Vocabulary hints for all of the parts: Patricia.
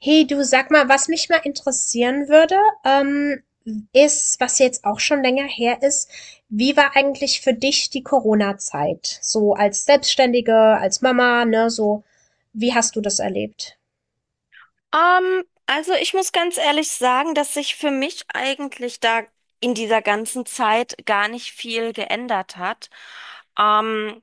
Hey du, sag mal, was mich mal interessieren würde, ähm, ist, was jetzt auch schon länger her ist, wie war eigentlich für dich die Corona-Zeit? So als Selbstständige, als Mama, ne, so, wie hast du das erlebt? Also ich muss ganz ehrlich sagen, dass sich für mich eigentlich da in dieser ganzen Zeit gar nicht viel geändert hat. Ähm,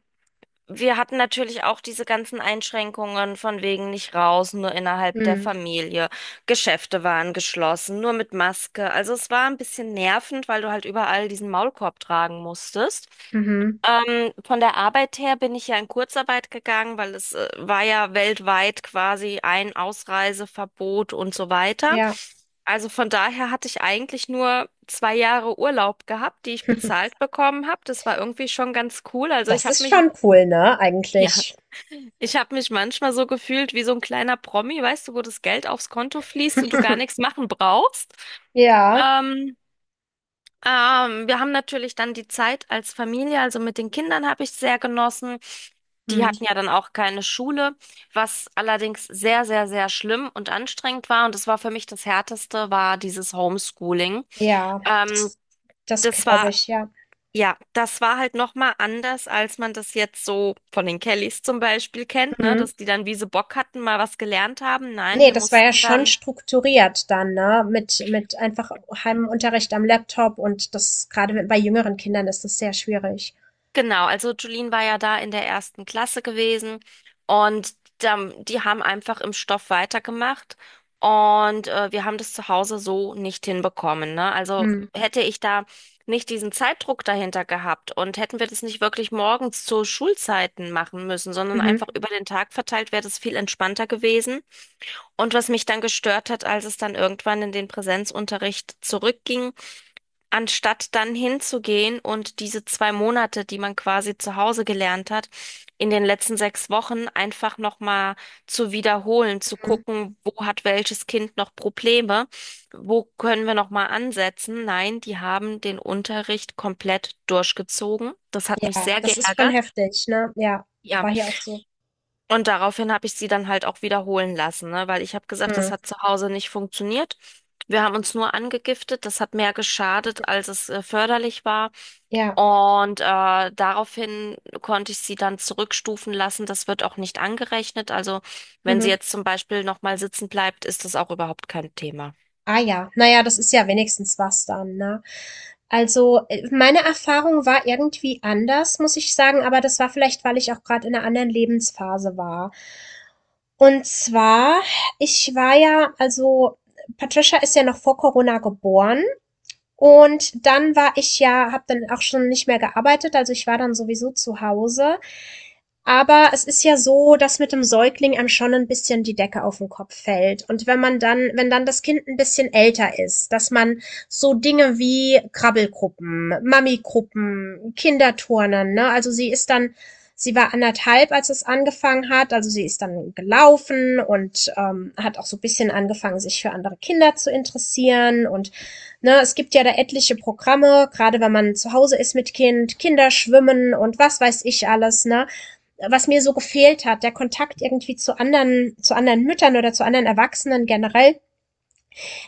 Wir hatten natürlich auch diese ganzen Einschränkungen von wegen nicht raus, nur innerhalb der Hm. Familie. Geschäfte waren geschlossen, nur mit Maske. Also es war ein bisschen nervend, weil du halt überall diesen Maulkorb tragen musstest. Mhm. Von der Arbeit her bin ich ja in Kurzarbeit gegangen, weil es war ja weltweit quasi ein Ausreiseverbot und so weiter. Ja. Also von daher hatte ich eigentlich nur 2 Jahre Urlaub gehabt, die ich bezahlt bekommen habe. Das war irgendwie schon ganz cool. Also ich Das habe ist mich, schon cool, ne, ja. eigentlich. Ich habe mich manchmal so gefühlt wie so ein kleiner Promi, weißt du, wo das Geld aufs Konto fließt und du gar nichts machen brauchst. Ja. Ähm, Wir haben natürlich dann die Zeit als Familie, also mit den Kindern habe ich sehr genossen. Die Hm. hatten ja dann auch keine Schule, was allerdings sehr, sehr, sehr schlimm und anstrengend war. Und das war für mich das Härteste, war dieses Homeschooling. Ja. Ähm, Das, das das glaube war ich, ja. ja, das war halt nochmal anders, als man das jetzt so von den Kellys zum Beispiel kennt, ne? Hm. Dass die dann, wie sie Bock hatten, mal was gelernt haben. Nein, Ne, wir das war ja mussten schon dann, strukturiert dann, ne? mit einfach Heimunterricht am Laptop, und das gerade mit bei jüngeren Kindern ist das sehr schwierig. genau, also Julien war ja da in der ersten Klasse gewesen und dann, die haben einfach im Stoff weitergemacht und wir haben das zu Hause so nicht hinbekommen, ne? Also Mhm. hätte ich da nicht diesen Zeitdruck dahinter gehabt und hätten wir das nicht wirklich morgens zu Schulzeiten machen müssen, sondern Mhm. einfach über den Tag verteilt, wäre das viel entspannter gewesen. Und was mich dann gestört hat, als es dann irgendwann in den Präsenzunterricht zurückging, anstatt dann hinzugehen und diese 2 Monate, die man quasi zu Hause gelernt hat, in den letzten 6 Wochen einfach nochmal zu wiederholen, zu Mhm. gucken, wo hat welches Kind noch Probleme, wo können wir nochmal ansetzen. Nein, die haben den Unterricht komplett durchgezogen. Das hat mich Ja, sehr das ist schon geärgert. heftig, ne? Ja, Ja. war hier auch so. Und daraufhin habe ich sie dann halt auch wiederholen lassen, ne? Weil ich habe gesagt, das Mhm. hat zu Hause nicht funktioniert. Wir haben uns nur angegiftet, das hat mehr geschadet, als es förderlich war. Ja. Und daraufhin konnte ich sie dann zurückstufen lassen. Das wird auch nicht angerechnet. Also wenn sie Mhm. jetzt zum Beispiel nochmal sitzen bleibt, ist das auch überhaupt kein Thema. Ah ja, naja, das ist ja wenigstens was dann, ne? Also, meine Erfahrung war irgendwie anders, muss ich sagen, aber das war vielleicht, weil ich auch gerade in einer anderen Lebensphase war. Und zwar: ich war ja also Patricia ist ja noch vor Corona geboren, und dann war ich ja habe dann auch schon nicht mehr gearbeitet, also ich war dann sowieso zu Hause, aber es ist ja so, dass mit dem Säugling einem schon ein bisschen die Decke auf den Kopf fällt. Und wenn dann das Kind ein bisschen älter ist, dass man so Dinge wie Krabbelgruppen, Mami-Gruppen, Kinderturnen, ne? Also, sie ist dann sie war anderthalb, als es angefangen hat. Also, sie ist dann gelaufen und, hat auch so ein bisschen angefangen, sich für andere Kinder zu interessieren, und, ne, es gibt ja da etliche Programme, gerade wenn man zu Hause ist mit Kind, Kinderschwimmen und was weiß ich alles, ne? Was mir so gefehlt hat, der Kontakt irgendwie zu anderen Müttern oder zu anderen Erwachsenen generell,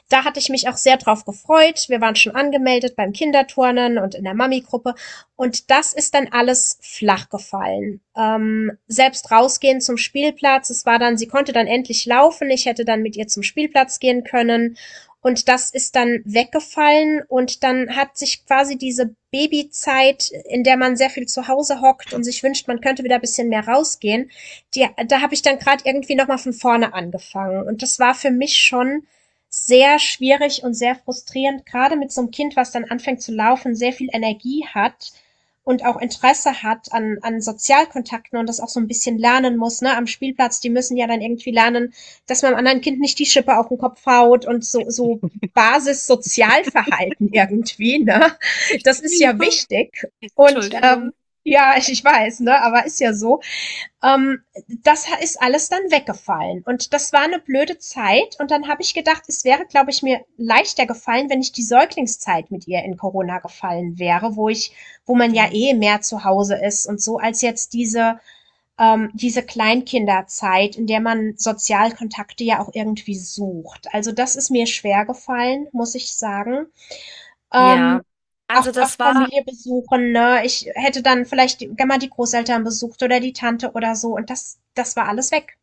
da hatte ich mich auch sehr drauf gefreut. Wir waren schon angemeldet beim Kinderturnen und in der Mami-Gruppe. Und das ist dann alles flach gefallen. Selbst rausgehen zum Spielplatz. Es war dann, sie konnte dann endlich laufen. Ich hätte dann mit ihr zum Spielplatz gehen können. Und das ist dann weggefallen, und dann hat sich quasi diese Babyzeit, in der man sehr viel zu Hause hockt und sich wünscht, man könnte wieder ein bisschen mehr rausgehen, da habe ich dann gerade irgendwie nochmal von vorne angefangen. Und das war für mich schon sehr schwierig und sehr frustrierend, gerade mit so einem Kind, was dann anfängt zu laufen, sehr viel Energie hat und auch Interesse hat an Sozialkontakten, und das auch so ein bisschen lernen muss, ne, am Spielplatz, die müssen ja dann irgendwie lernen, dass man einem anderen Kind nicht die Schippe auf den Kopf haut, und so, so Basis-Sozialverhalten irgendwie, ne, das ist ja wichtig und, Entschuldigung. ja, ich weiß, ne, aber ist ja so. Ähm, das ist alles dann weggefallen. Und das war eine blöde Zeit. Und dann habe ich gedacht, es wäre, glaube ich, mir leichter gefallen, wenn ich die Säuglingszeit mit ihr in Corona gefallen wäre, wo man ja Mhm. eh mehr zu Hause ist und so, als jetzt diese Kleinkinderzeit, in der man Sozialkontakte ja auch irgendwie sucht. Also das ist mir schwer gefallen, muss ich sagen. Ähm, Ja, auch also das war Familie besuchen, ne? Ich hätte dann vielleicht die gerne mal die Großeltern besucht oder die Tante oder so, und das war alles weg.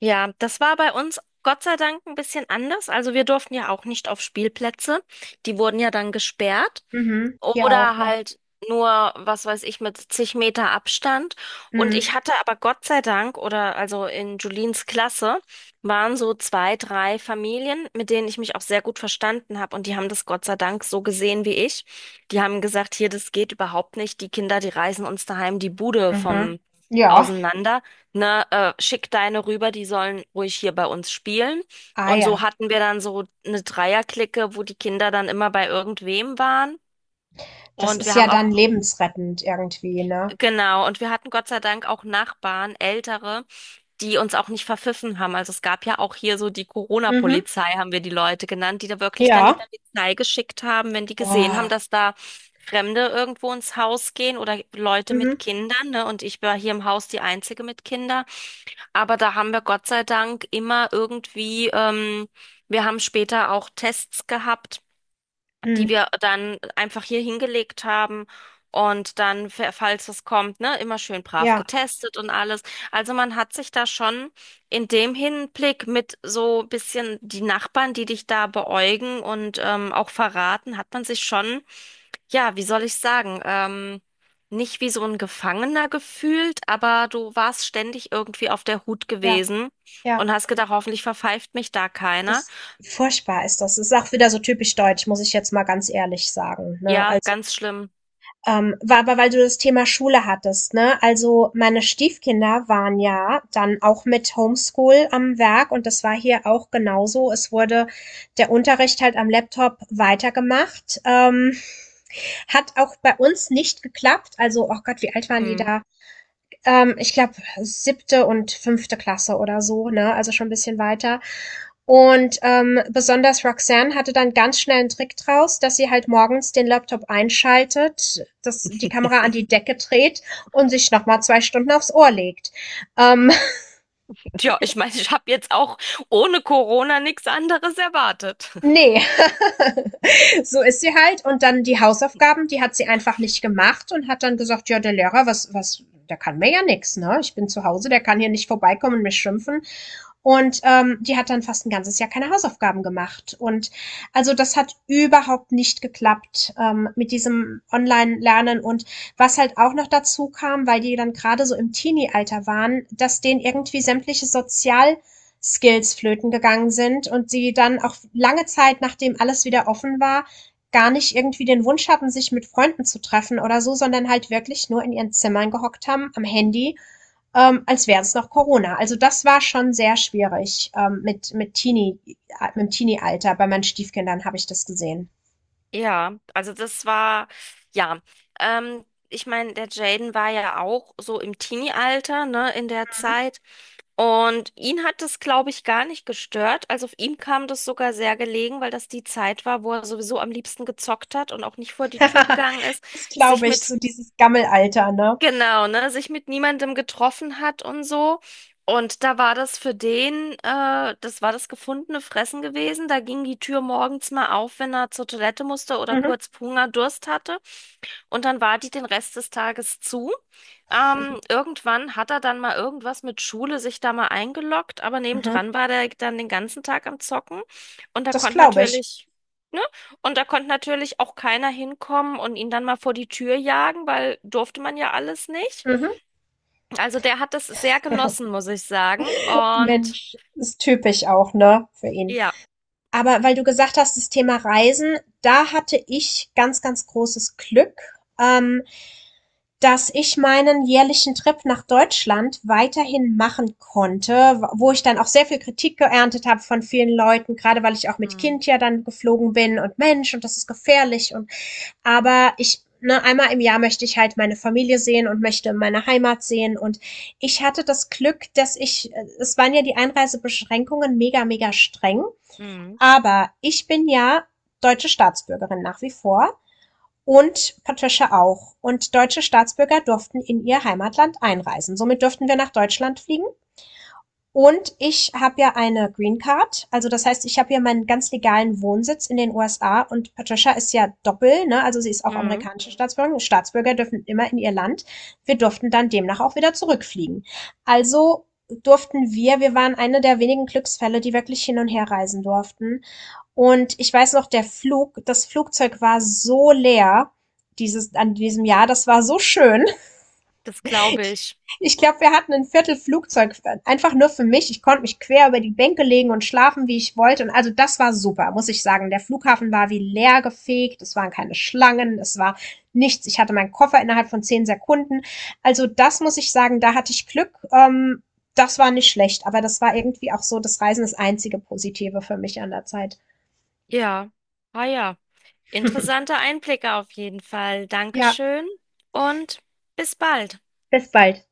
Ja, das war bei uns Gott sei Dank ein bisschen anders. Also wir durften ja auch nicht auf Spielplätze. Die wurden ja dann gesperrt. Mhm. Hier auch, Oder ja. halt nur, was weiß ich, mit zig Meter Abstand. Und Mhm. ich hatte aber Gott sei Dank, oder also in Julines Klasse, waren so zwei, drei Familien, mit denen ich mich auch sehr gut verstanden habe. Und die haben das Gott sei Dank so gesehen wie ich. Die haben gesagt, hier, das geht überhaupt nicht. Die Kinder, die reißen uns daheim die Bude Mhm. vom Ja. auseinander. Ne, schick deine rüber, die sollen ruhig hier bei uns spielen. Ah Und so ja. hatten wir dann so eine Dreierclique, wo die Kinder dann immer bei irgendwem waren. Das Und ist wir ja haben dann auch, lebensrettend irgendwie, ne? genau, und wir hatten Gott sei Dank auch Nachbarn, ältere, die uns auch nicht verpfiffen haben. Also es gab ja auch hier so die Mhm. Corona-Polizei, haben wir die Leute genannt, die da wirklich dann die Ja. Polizei geschickt haben, wenn die gesehen haben, Boah. dass da Fremde irgendwo ins Haus gehen oder Leute Mhm. mit Kindern, ne? Und ich war hier im Haus die Einzige mit Kindern. Aber da haben wir Gott sei Dank immer irgendwie, wir haben später auch Tests gehabt die Mhm. wir dann einfach hier hingelegt haben. Und dann, falls es kommt, ne, immer schön brav Ja, getestet und alles. Also man hat sich da schon in dem Hinblick mit so ein bisschen die Nachbarn, die dich da beäugen und auch verraten, hat man sich schon, ja, wie soll ich sagen, nicht wie so ein Gefangener gefühlt, aber du warst ständig irgendwie auf der Hut ja, gewesen ja. und hast gedacht, hoffentlich verpfeift mich da keiner. Das furchtbar ist das. Das ist auch wieder so typisch deutsch, muss ich jetzt mal ganz ehrlich sagen, ne? Ja, Also, ganz schlimm. ähm, war aber, weil du das Thema Schule hattest, ne? Also meine Stiefkinder waren ja dann auch mit Homeschool am Werk, und das war hier auch genauso. Es wurde der Unterricht halt am Laptop weitergemacht. Hat auch bei uns nicht geklappt. Also, oh Gott, wie alt waren die Hm. da? Ich glaube, siebte und fünfte Klasse oder so, ne? Also schon ein bisschen weiter. Und besonders Roxanne hatte dann ganz schnell einen Trick draus, dass sie halt morgens den Laptop einschaltet, dass die Kamera an die Decke dreht und sich nochmal 2 Stunden aufs Ohr legt. Ähm, Ja, ich meine, ich habe jetzt auch ohne Corona nichts anderes erwartet. Nee, so ist sie halt, und dann die Hausaufgaben, die hat sie einfach nicht gemacht und hat dann gesagt: „Ja, der Lehrer, was der kann mir ja nichts, ne? Ich bin zu Hause, der kann hier nicht vorbeikommen und mich schimpfen.“ Und, die hat dann fast 1 ganzes Jahr keine Hausaufgaben gemacht. Und also, das hat überhaupt nicht geklappt, mit diesem Online-Lernen. Und was halt auch noch dazu kam, weil die dann gerade so im Teenie-Alter waren, dass denen irgendwie sämtliche sozial Skills flöten gegangen sind und sie dann auch lange Zeit, nachdem alles wieder offen war, gar nicht irgendwie den Wunsch hatten, sich mit Freunden zu treffen oder so, sondern halt wirklich nur in ihren Zimmern gehockt haben, am Handy, als wäre es noch Corona. Also das war schon sehr schwierig, mit dem Teenie-Alter. Bei meinen Stiefkindern habe ich das gesehen. Ja, also das war, ja, ich meine, der Jaden war ja auch so im Teenie-Alter, ne, in der Zeit. Und ihn hat das, glaube ich, gar nicht gestört. Also auf ihm kam das sogar sehr gelegen, weil das die Zeit war, wo er sowieso am liebsten gezockt hat und auch nicht vor die Tür gegangen ist, Das glaube sich ich, mit so dieses Gammelalter, ne? Genau, ne, sich mit niemandem getroffen hat und so. Und da war das für den, das war das gefundene Fressen gewesen. Da ging die Tür morgens mal auf, wenn er zur Toilette musste oder Mhm, kurz Hunger, Durst hatte. Und dann war die den Rest des Tages zu. Irgendwann hat er dann mal irgendwas mit Schule sich da mal eingeloggt, aber mhm. nebendran war der dann den ganzen Tag am Zocken. Und da Das konnte glaube ich. natürlich, ne? Und da konnte natürlich auch keiner hinkommen und ihn dann mal vor die Tür jagen, weil durfte man ja alles nicht. Mhm. Also der hat das sehr genossen, muss ich sagen. Und Mensch, ist typisch auch, ne, für ihn. ja. Aber weil du gesagt hast, das Thema Reisen, da hatte ich ganz, ganz großes Glück, ähm, dass ich meinen jährlichen Trip nach Deutschland weiterhin machen konnte, wo ich dann auch sehr viel Kritik geerntet habe von vielen Leuten, gerade weil ich auch mit Mhm. Kind ja dann geflogen bin und Mensch und das ist gefährlich und aber ich, ne, 1 Mal im Jahr möchte ich halt meine Familie sehen und möchte meine Heimat sehen. Und ich hatte das Glück, dass ich, es waren ja die Einreisebeschränkungen mega, mega streng. Mhm. Aber ich bin ja deutsche Staatsbürgerin nach wie vor, und Patricia auch. Und deutsche Staatsbürger durften in ihr Heimatland einreisen. Somit durften wir nach Deutschland fliegen. Und ich habe ja eine Green Card. Also das heißt, ich habe ja meinen ganz legalen Wohnsitz in den USA, und Patricia ist ja doppel, ne? Also sie ist auch Mhm. amerikanische Staatsbürgerin. Staatsbürger dürfen immer in ihr Land. Wir durften dann demnach auch wieder zurückfliegen. Also durften wir, wir waren eine der wenigen Glücksfälle, die wirklich hin und her reisen durften. Und ich weiß noch, der Flug das Flugzeug war so leer dieses an diesem Jahr, das war so schön. Das glaube ich. Ich glaube, wir hatten ein Viertel Flugzeug einfach nur für mich. Ich konnte mich quer über die Bänke legen und schlafen, wie ich wollte. Und also, das war super, muss ich sagen. Der Flughafen war wie leer gefegt, es waren keine Schlangen, es war nichts. Ich hatte meinen Koffer innerhalb von 10 Sekunden. Also, das muss ich sagen, da hatte ich Glück. Das war nicht schlecht, aber das war irgendwie auch so, das Reisen ist das einzige Positive für mich an der Zeit. Ja. Ah ja. Interessante Einblicke auf jeden Fall. Ja, Dankeschön und bis bald. bis bald.